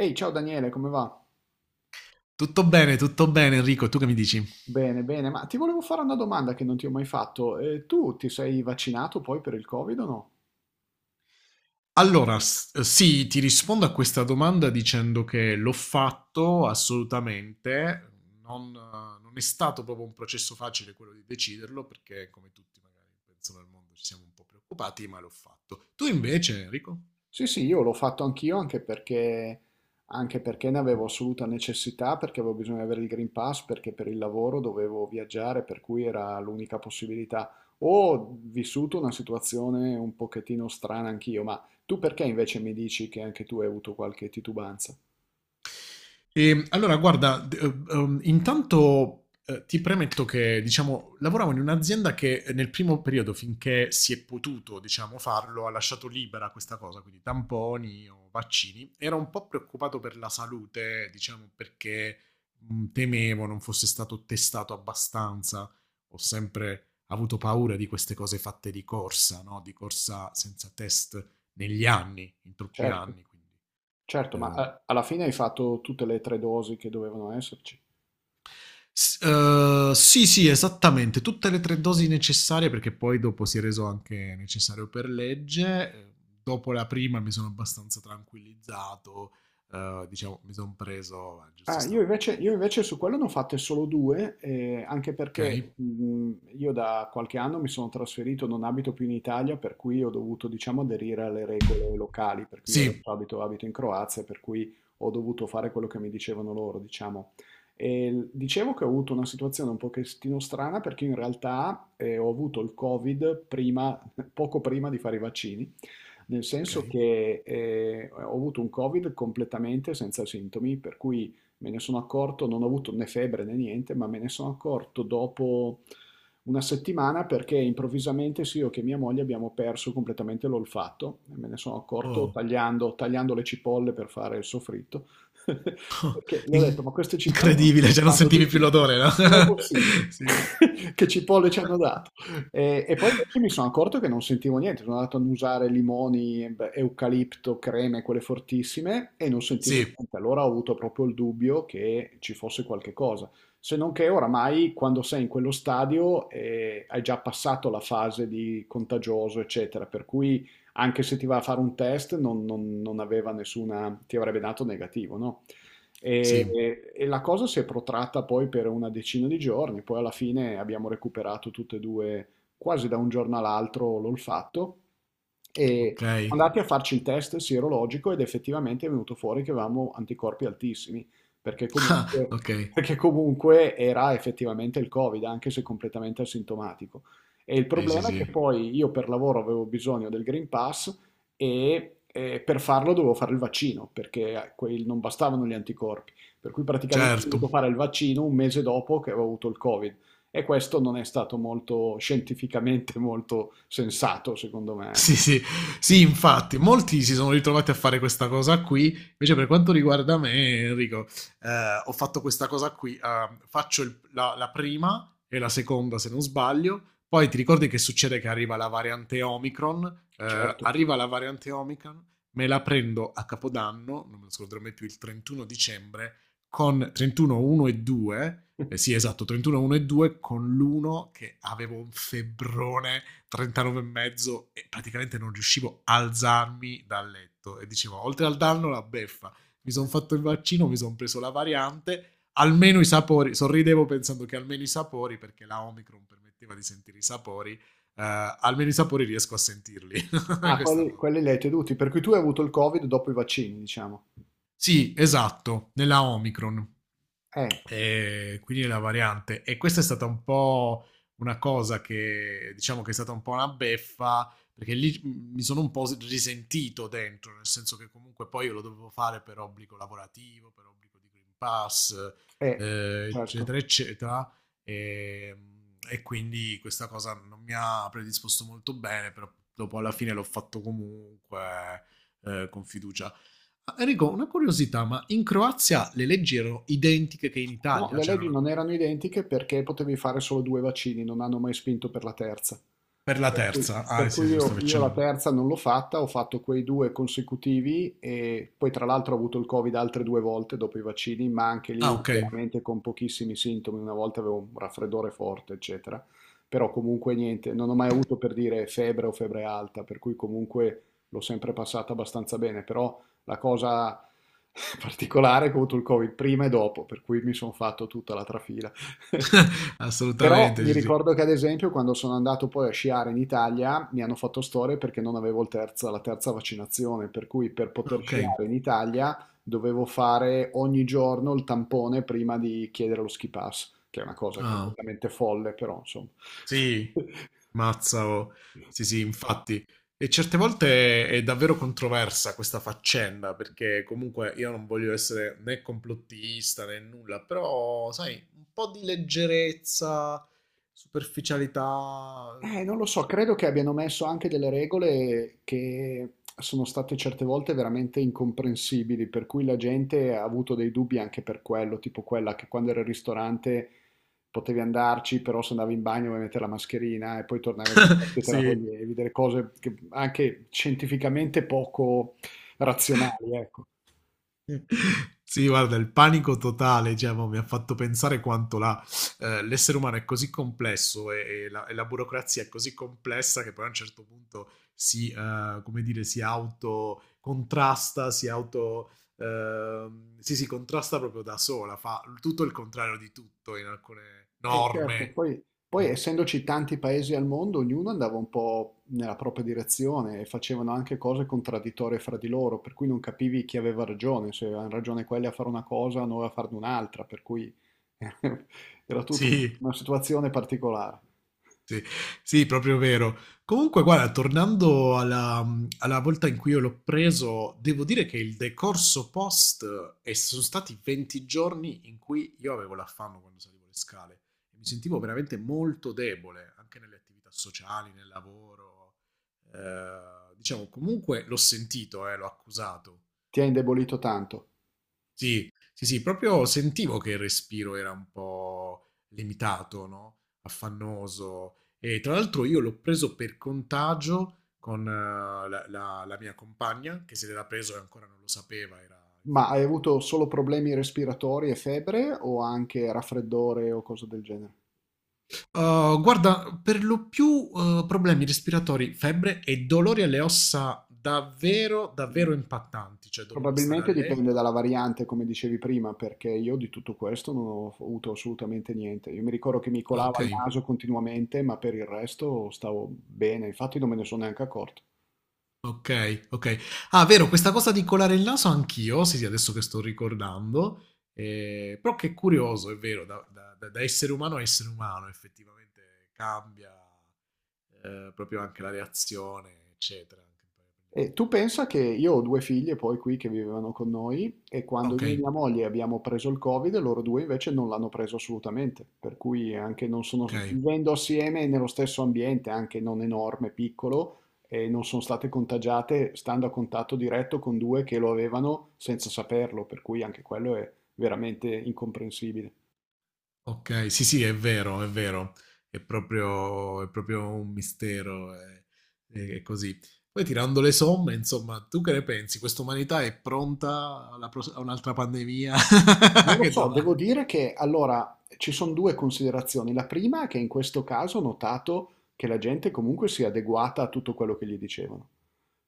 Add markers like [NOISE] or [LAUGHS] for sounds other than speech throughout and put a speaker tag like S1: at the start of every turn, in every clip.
S1: Ehi, ciao Daniele, come va?
S2: Tutto bene Enrico, tu che mi dici?
S1: Bene, bene, ma ti volevo fare una domanda che non ti ho mai fatto. Tu ti sei vaccinato poi per il Covid o no?
S2: Allora, sì, ti rispondo a questa domanda dicendo che l'ho fatto assolutamente, non è stato proprio un processo facile quello di deciderlo perché come tutti magari pensano al mondo ci siamo un po' preoccupati, ma l'ho fatto. Tu invece Enrico?
S1: Sì, sì, io l'ho fatto anch'io anche perché ne avevo assoluta necessità, perché avevo bisogno di avere il Green Pass, perché per il lavoro dovevo viaggiare, per cui era l'unica possibilità. Ho vissuto una situazione un pochettino strana anch'io, ma tu perché invece mi dici che anche tu hai avuto qualche titubanza?
S2: Allora, guarda, intanto ti premetto che, diciamo, lavoravo in un'azienda che nel primo periodo, finché si è potuto, diciamo, farlo, ha lasciato libera questa cosa, quindi tamponi o vaccini. Era un po' preoccupato per la salute, diciamo, perché temevo non fosse stato testato abbastanza. Ho sempre avuto paura di queste cose fatte di corsa, no? Di corsa senza test negli anni, in troppi
S1: Certo,
S2: anni,
S1: certo, ma
S2: eh,
S1: alla fine hai fatto tutte le tre dosi che dovevano esserci.
S2: Sì, sì, esattamente, tutte le tre dosi necessarie perché poi dopo si è reso anche necessario per legge. Dopo la prima mi sono abbastanza tranquillizzato, diciamo, mi sono preso, giusto
S1: Ah, io
S2: stavo un
S1: invece,
S2: po',
S1: io invece su quello ne ho fatte solo due, anche
S2: ok?
S1: perché io da qualche anno mi sono trasferito, non abito più in Italia, per cui ho dovuto, diciamo, aderire alle regole locali, per cui io
S2: Sì,
S1: adesso abito in Croazia, per cui ho dovuto fare quello che mi dicevano loro, diciamo. Dicevo che ho avuto una situazione un pochettino strana perché in realtà ho avuto il Covid prima, [LAUGHS] poco prima di fare i vaccini, nel
S2: ok.
S1: senso che ho avuto un Covid completamente senza sintomi, per cui... Me ne sono accorto, non ho avuto né febbre né niente, ma me ne sono accorto dopo una settimana perché improvvisamente sì, io che mia moglie abbiamo perso completamente l'olfatto. E me ne sono accorto
S2: Oh,
S1: tagliando le cipolle per fare il soffritto. [LAUGHS] Perché le ho detto,
S2: in-
S1: ma queste cipolle
S2: incredibile,
S1: non
S2: cioè non
S1: sanno
S2: sentivi
S1: di
S2: più
S1: niente.
S2: l'odore, no?
S1: Com'è possibile?
S2: [LAUGHS] Sì.
S1: [LAUGHS] Che cipolle ci
S2: [LAUGHS]
S1: hanno dato? E poi invece mi sono accorto che non sentivo niente, sono andato ad usare limoni, beh, eucalipto, creme, quelle fortissime, e non sentivo
S2: Sì,
S1: niente. Allora ho avuto proprio il dubbio che ci fosse qualche cosa. Se non che oramai, quando sei in quello stadio, hai già passato la fase di contagioso, eccetera, per cui anche se ti va a fare un test non, non- non aveva nessuna, ti avrebbe dato negativo, no? E,
S2: sì,
S1: e la cosa si è protratta poi per una decina di giorni, poi alla fine abbiamo recuperato tutte e due quasi da un giorno all'altro l'olfatto e
S2: ok.
S1: siamo andati a
S2: [LAUGHS]
S1: farci il test sierologico ed effettivamente è venuto fuori che avevamo anticorpi altissimi, perché
S2: Ah,
S1: comunque,
S2: ok,
S1: perché comunque era effettivamente il Covid, anche se completamente asintomatico. E il
S2: sì, sì,
S1: problema è che
S2: sì,
S1: poi io per lavoro avevo bisogno del Green Pass per farlo dovevo fare il vaccino, perché non bastavano gli anticorpi. Per cui praticamente ho
S2: certo.
S1: dovuto fare il vaccino un mese dopo che avevo avuto il Covid. E questo non è stato molto scientificamente [LAUGHS] molto sensato, secondo me.
S2: Sì, sì, sì, infatti, molti si sono ritrovati a fare questa cosa qui. Invece, per quanto riguarda me, Enrico, ho fatto questa cosa qui. Faccio la prima e la seconda, se non sbaglio. Poi ti ricordi che succede che arriva la variante Omicron?
S1: Certo.
S2: Arriva la variante Omicron, me la prendo a Capodanno, non me lo scorderò mai più, il 31 dicembre, con 31, 1 e 2. Sì, esatto, 31, 1 e 2, con l'uno che avevo un febbrone 39 e mezzo e praticamente non riuscivo a alzarmi dal letto e dicevo oltre al danno la beffa mi sono fatto il vaccino mi sono preso la variante almeno i sapori sorridevo pensando che almeno i sapori perché la Omicron permetteva di sentire i sapori almeno i sapori riesco a sentirli [LAUGHS]
S1: Ah,
S2: questa
S1: quelli,
S2: volta
S1: quelli li hai tenuti, per cui tu hai avuto il Covid dopo i vaccini, diciamo.
S2: sì esatto nella Omicron.
S1: Eh,
S2: E quindi la variante. E questa è stata un po' una cosa che diciamo che è stata un po' una beffa perché lì mi sono un po' risentito dentro, nel senso che comunque poi io lo dovevo fare per obbligo lavorativo, per obbligo di Green Pass,
S1: eh, certo.
S2: eccetera, eccetera. E, e quindi questa cosa non mi ha predisposto molto bene, però dopo alla fine l'ho fatto comunque con fiducia. Ah, Enrico, una curiosità, ma in Croazia le leggi erano identiche che in
S1: No,
S2: Italia?
S1: le
S2: C'era
S1: leggi
S2: una
S1: non
S2: cosa...
S1: erano identiche perché potevi fare solo due vaccini, non hanno mai spinto per la terza.
S2: Per la
S1: Per cui,
S2: terza? Ah,
S1: per
S2: sì, sì,
S1: cui
S2: lo
S1: io,
S2: stavi
S1: io la
S2: accennando.
S1: terza non l'ho fatta, ho fatto quei due consecutivi e poi tra l'altro ho avuto il Covid altre due volte dopo i vaccini, ma anche
S2: Ah,
S1: lì
S2: ok.
S1: veramente con pochissimi sintomi, una volta avevo un raffreddore forte, eccetera. Però comunque niente, non ho mai avuto per dire febbre o febbre alta, per cui comunque l'ho sempre passata abbastanza bene, però la cosa [LAUGHS] particolare è che ho avuto il Covid prima e dopo, per cui mi sono fatto tutta la trafila. [LAUGHS]
S2: [LAUGHS]
S1: Però
S2: Assolutamente,
S1: mi
S2: sì, sì.
S1: ricordo che ad esempio quando sono andato poi a sciare in Italia mi hanno fatto storie perché non avevo il la terza vaccinazione, per cui per
S2: Ah,
S1: poter
S2: ok.
S1: sciare in Italia dovevo fare ogni giorno il tampone prima di chiedere lo ski pass, che è una cosa
S2: Ah,
S1: completamente folle, però insomma.
S2: sì. Mazza, oh. Sì,
S1: [LAUGHS]
S2: sì, infatti. E certe volte è davvero controversa questa faccenda, perché comunque io non voglio essere né complottista né nulla, però, sai, un po' di leggerezza, superficialità.
S1: Non lo so, credo che abbiano messo anche delle regole che sono state certe volte veramente incomprensibili, per cui la gente ha avuto dei dubbi anche per quello, tipo quella che quando era al ristorante potevi andarci, però se andavi in bagno dovevi mettere la mascherina e poi tornavi sul piatto e te la
S2: Sì,
S1: toglievi, delle cose che anche scientificamente poco razionali, ecco.
S2: sì, guarda, il panico totale, cioè, mo, mi ha fatto pensare quanto l'essere umano è così complesso e e la burocrazia è così complessa che poi a un certo punto si, come dire, si autocontrasta, sì, si contrasta proprio da sola, fa tutto il contrario di tutto in alcune
S1: Certo,
S2: norme.
S1: poi essendoci tanti paesi al mondo, ognuno andava un po' nella propria direzione e facevano anche cose contraddittorie fra di loro, per cui non capivi chi aveva ragione, se avevano ragione quelli a fare una cosa, o noi a farne un'altra, per cui [LAUGHS] era tutta
S2: Sì.
S1: una situazione particolare.
S2: Sì, sì, proprio vero. Comunque, guarda, tornando alla volta in cui io l'ho preso, devo dire che il decorso post e sono stati 20 giorni in cui io avevo l'affanno quando salivo le scale e mi sentivo veramente molto debole anche nelle attività sociali, nel lavoro. Diciamo, comunque l'ho sentito, l'ho accusato.
S1: Ti ha indebolito tanto.
S2: Sì, sì, sì, proprio sentivo che il respiro era un po' limitato, no? Affannoso. E tra l'altro io l'ho preso per contagio con la mia compagna, che se l'era preso e ancora non lo sapeva, era
S1: Ma hai
S2: infettiva.
S1: avuto solo problemi respiratori e febbre o anche raffreddore o cose del genere?
S2: Guarda, per lo più problemi respiratori, febbre e dolori alle ossa davvero,
S1: Mh.
S2: davvero impattanti, cioè dovevo stare a
S1: Probabilmente dipende
S2: letto.
S1: dalla variante, come dicevi prima, perché io di tutto questo non ho f avuto assolutamente niente. Io mi ricordo che mi
S2: Ah,
S1: colava
S2: ok.
S1: il naso continuamente, ma per il resto stavo bene, infatti non me ne sono neanche accorto.
S2: Okay, okay. Ah, vero, questa cosa di colare il naso anch'io, sì, sì, adesso che sto ricordando, però che curioso, è vero, da essere umano a essere umano effettivamente cambia, proprio anche la reazione, eccetera, anche poi con gli
S1: E tu
S2: anticorpi.
S1: pensa che io ho due figlie poi qui che vivevano con noi e
S2: Ah,
S1: quando io e
S2: okay,
S1: mia moglie abbiamo preso il Covid, loro due invece non l'hanno preso assolutamente, per cui anche non sono,
S2: okay,
S1: vivendo assieme nello stesso ambiente, anche non enorme, piccolo, e non sono state contagiate stando a contatto diretto con due che lo avevano senza saperlo, per cui anche quello è veramente incomprensibile.
S2: okay, sì, sì, è vero, è vero. È proprio un mistero, è così. Poi tirando le somme, insomma, tu che ne pensi? Questa umanità è pronta alla pros a un'altra pandemia? [LAUGHS]
S1: Non
S2: Ah,
S1: lo
S2: che
S1: so, devo
S2: domanda.
S1: dire che allora ci sono due considerazioni. La prima è che in questo caso ho notato che la gente comunque si è adeguata a tutto quello che gli dicevano,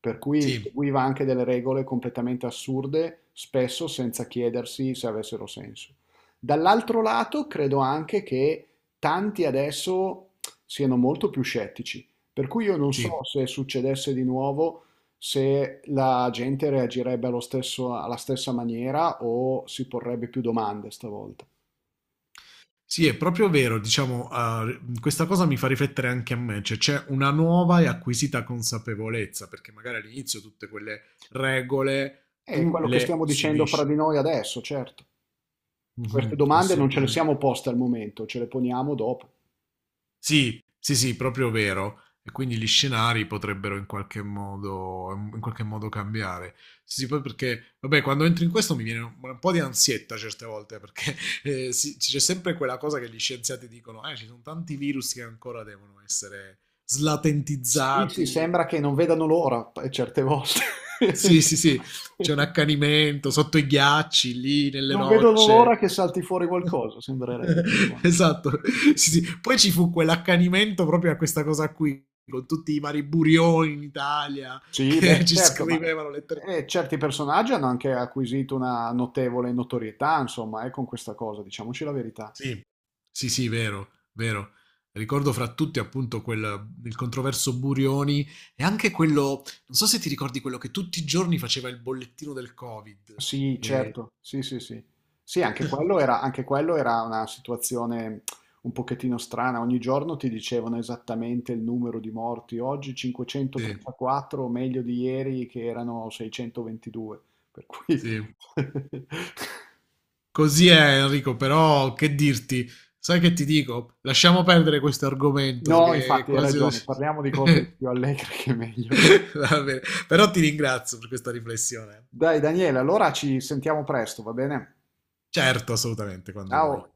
S1: per cui
S2: Sì.
S1: seguiva anche delle regole completamente assurde, spesso senza chiedersi se avessero senso. Dall'altro lato, credo anche che tanti adesso siano molto più scettici, per cui io non
S2: Sì.
S1: so se succedesse di nuovo se la gente reagirebbe alla stessa maniera o si porrebbe più domande stavolta.
S2: Sì, è proprio vero, diciamo, questa cosa mi fa riflettere anche a me, cioè c'è una nuova e acquisita consapevolezza, perché magari all'inizio tutte quelle regole
S1: È
S2: tu
S1: quello che
S2: le
S1: stiamo dicendo fra di
S2: subisci.
S1: noi adesso, certo. Queste
S2: Mhm,
S1: domande non ce le
S2: assolutamente.
S1: siamo poste al momento, ce le poniamo dopo.
S2: Sì, sì, sì, proprio vero. E quindi gli scenari potrebbero in qualche modo cambiare. Sì, sì, poi perché, vabbè, quando entro in questo mi viene un po' di ansietta certe volte, perché [LAUGHS] sì, c'è sempre quella cosa che gli scienziati dicono, ci sono tanti virus che ancora devono essere
S1: Sì, sì,
S2: slatentizzati.
S1: sembra che non vedano l'ora, certe volte.
S2: Sì, sì, sì, c'è un
S1: [LAUGHS]
S2: accanimento sotto i ghiacci, lì nelle
S1: Non vedono
S2: rocce.
S1: l'ora che salti fuori
S2: [LAUGHS]
S1: qualcosa, sembrerebbe. Effettivamente.
S2: Esatto, sì, sì. Poi ci fu quell'accanimento proprio a questa cosa qui, con tutti i vari burioni in Italia
S1: Sì,
S2: che [LAUGHS]
S1: beh,
S2: ci
S1: certo, ma
S2: scrivevano lettere.
S1: certi personaggi hanno anche acquisito una notevole notorietà, insomma, con questa cosa, diciamoci la verità.
S2: Sì, sì, sì, vero, vero. Ricordo fra tutti appunto quel, il controverso Burioni e anche quello, non so se ti ricordi quello che tutti i giorni faceva il bollettino del Covid.
S1: Sì,
S2: E-
S1: certo, sì, sì, sì. Sì, anche quello era una situazione un pochettino strana. Ogni giorno ti dicevano esattamente il numero di morti. Oggi
S2: sì,
S1: 534, meglio di ieri che erano 622. Per cui...
S2: sì.
S1: [LAUGHS]
S2: Così è Enrico, però che dirti? Sai che ti dico? Lasciamo perdere questo argomento
S1: No,
S2: che è
S1: infatti hai
S2: quasi...
S1: ragione,
S2: [LAUGHS]
S1: parliamo di cose più allegre che meglio, dai.
S2: Va bene. Però ti ringrazio per questa riflessione.
S1: Dai Daniele, allora ci sentiamo presto, va bene?
S2: Certo, assolutamente, quando vuoi.
S1: Ciao.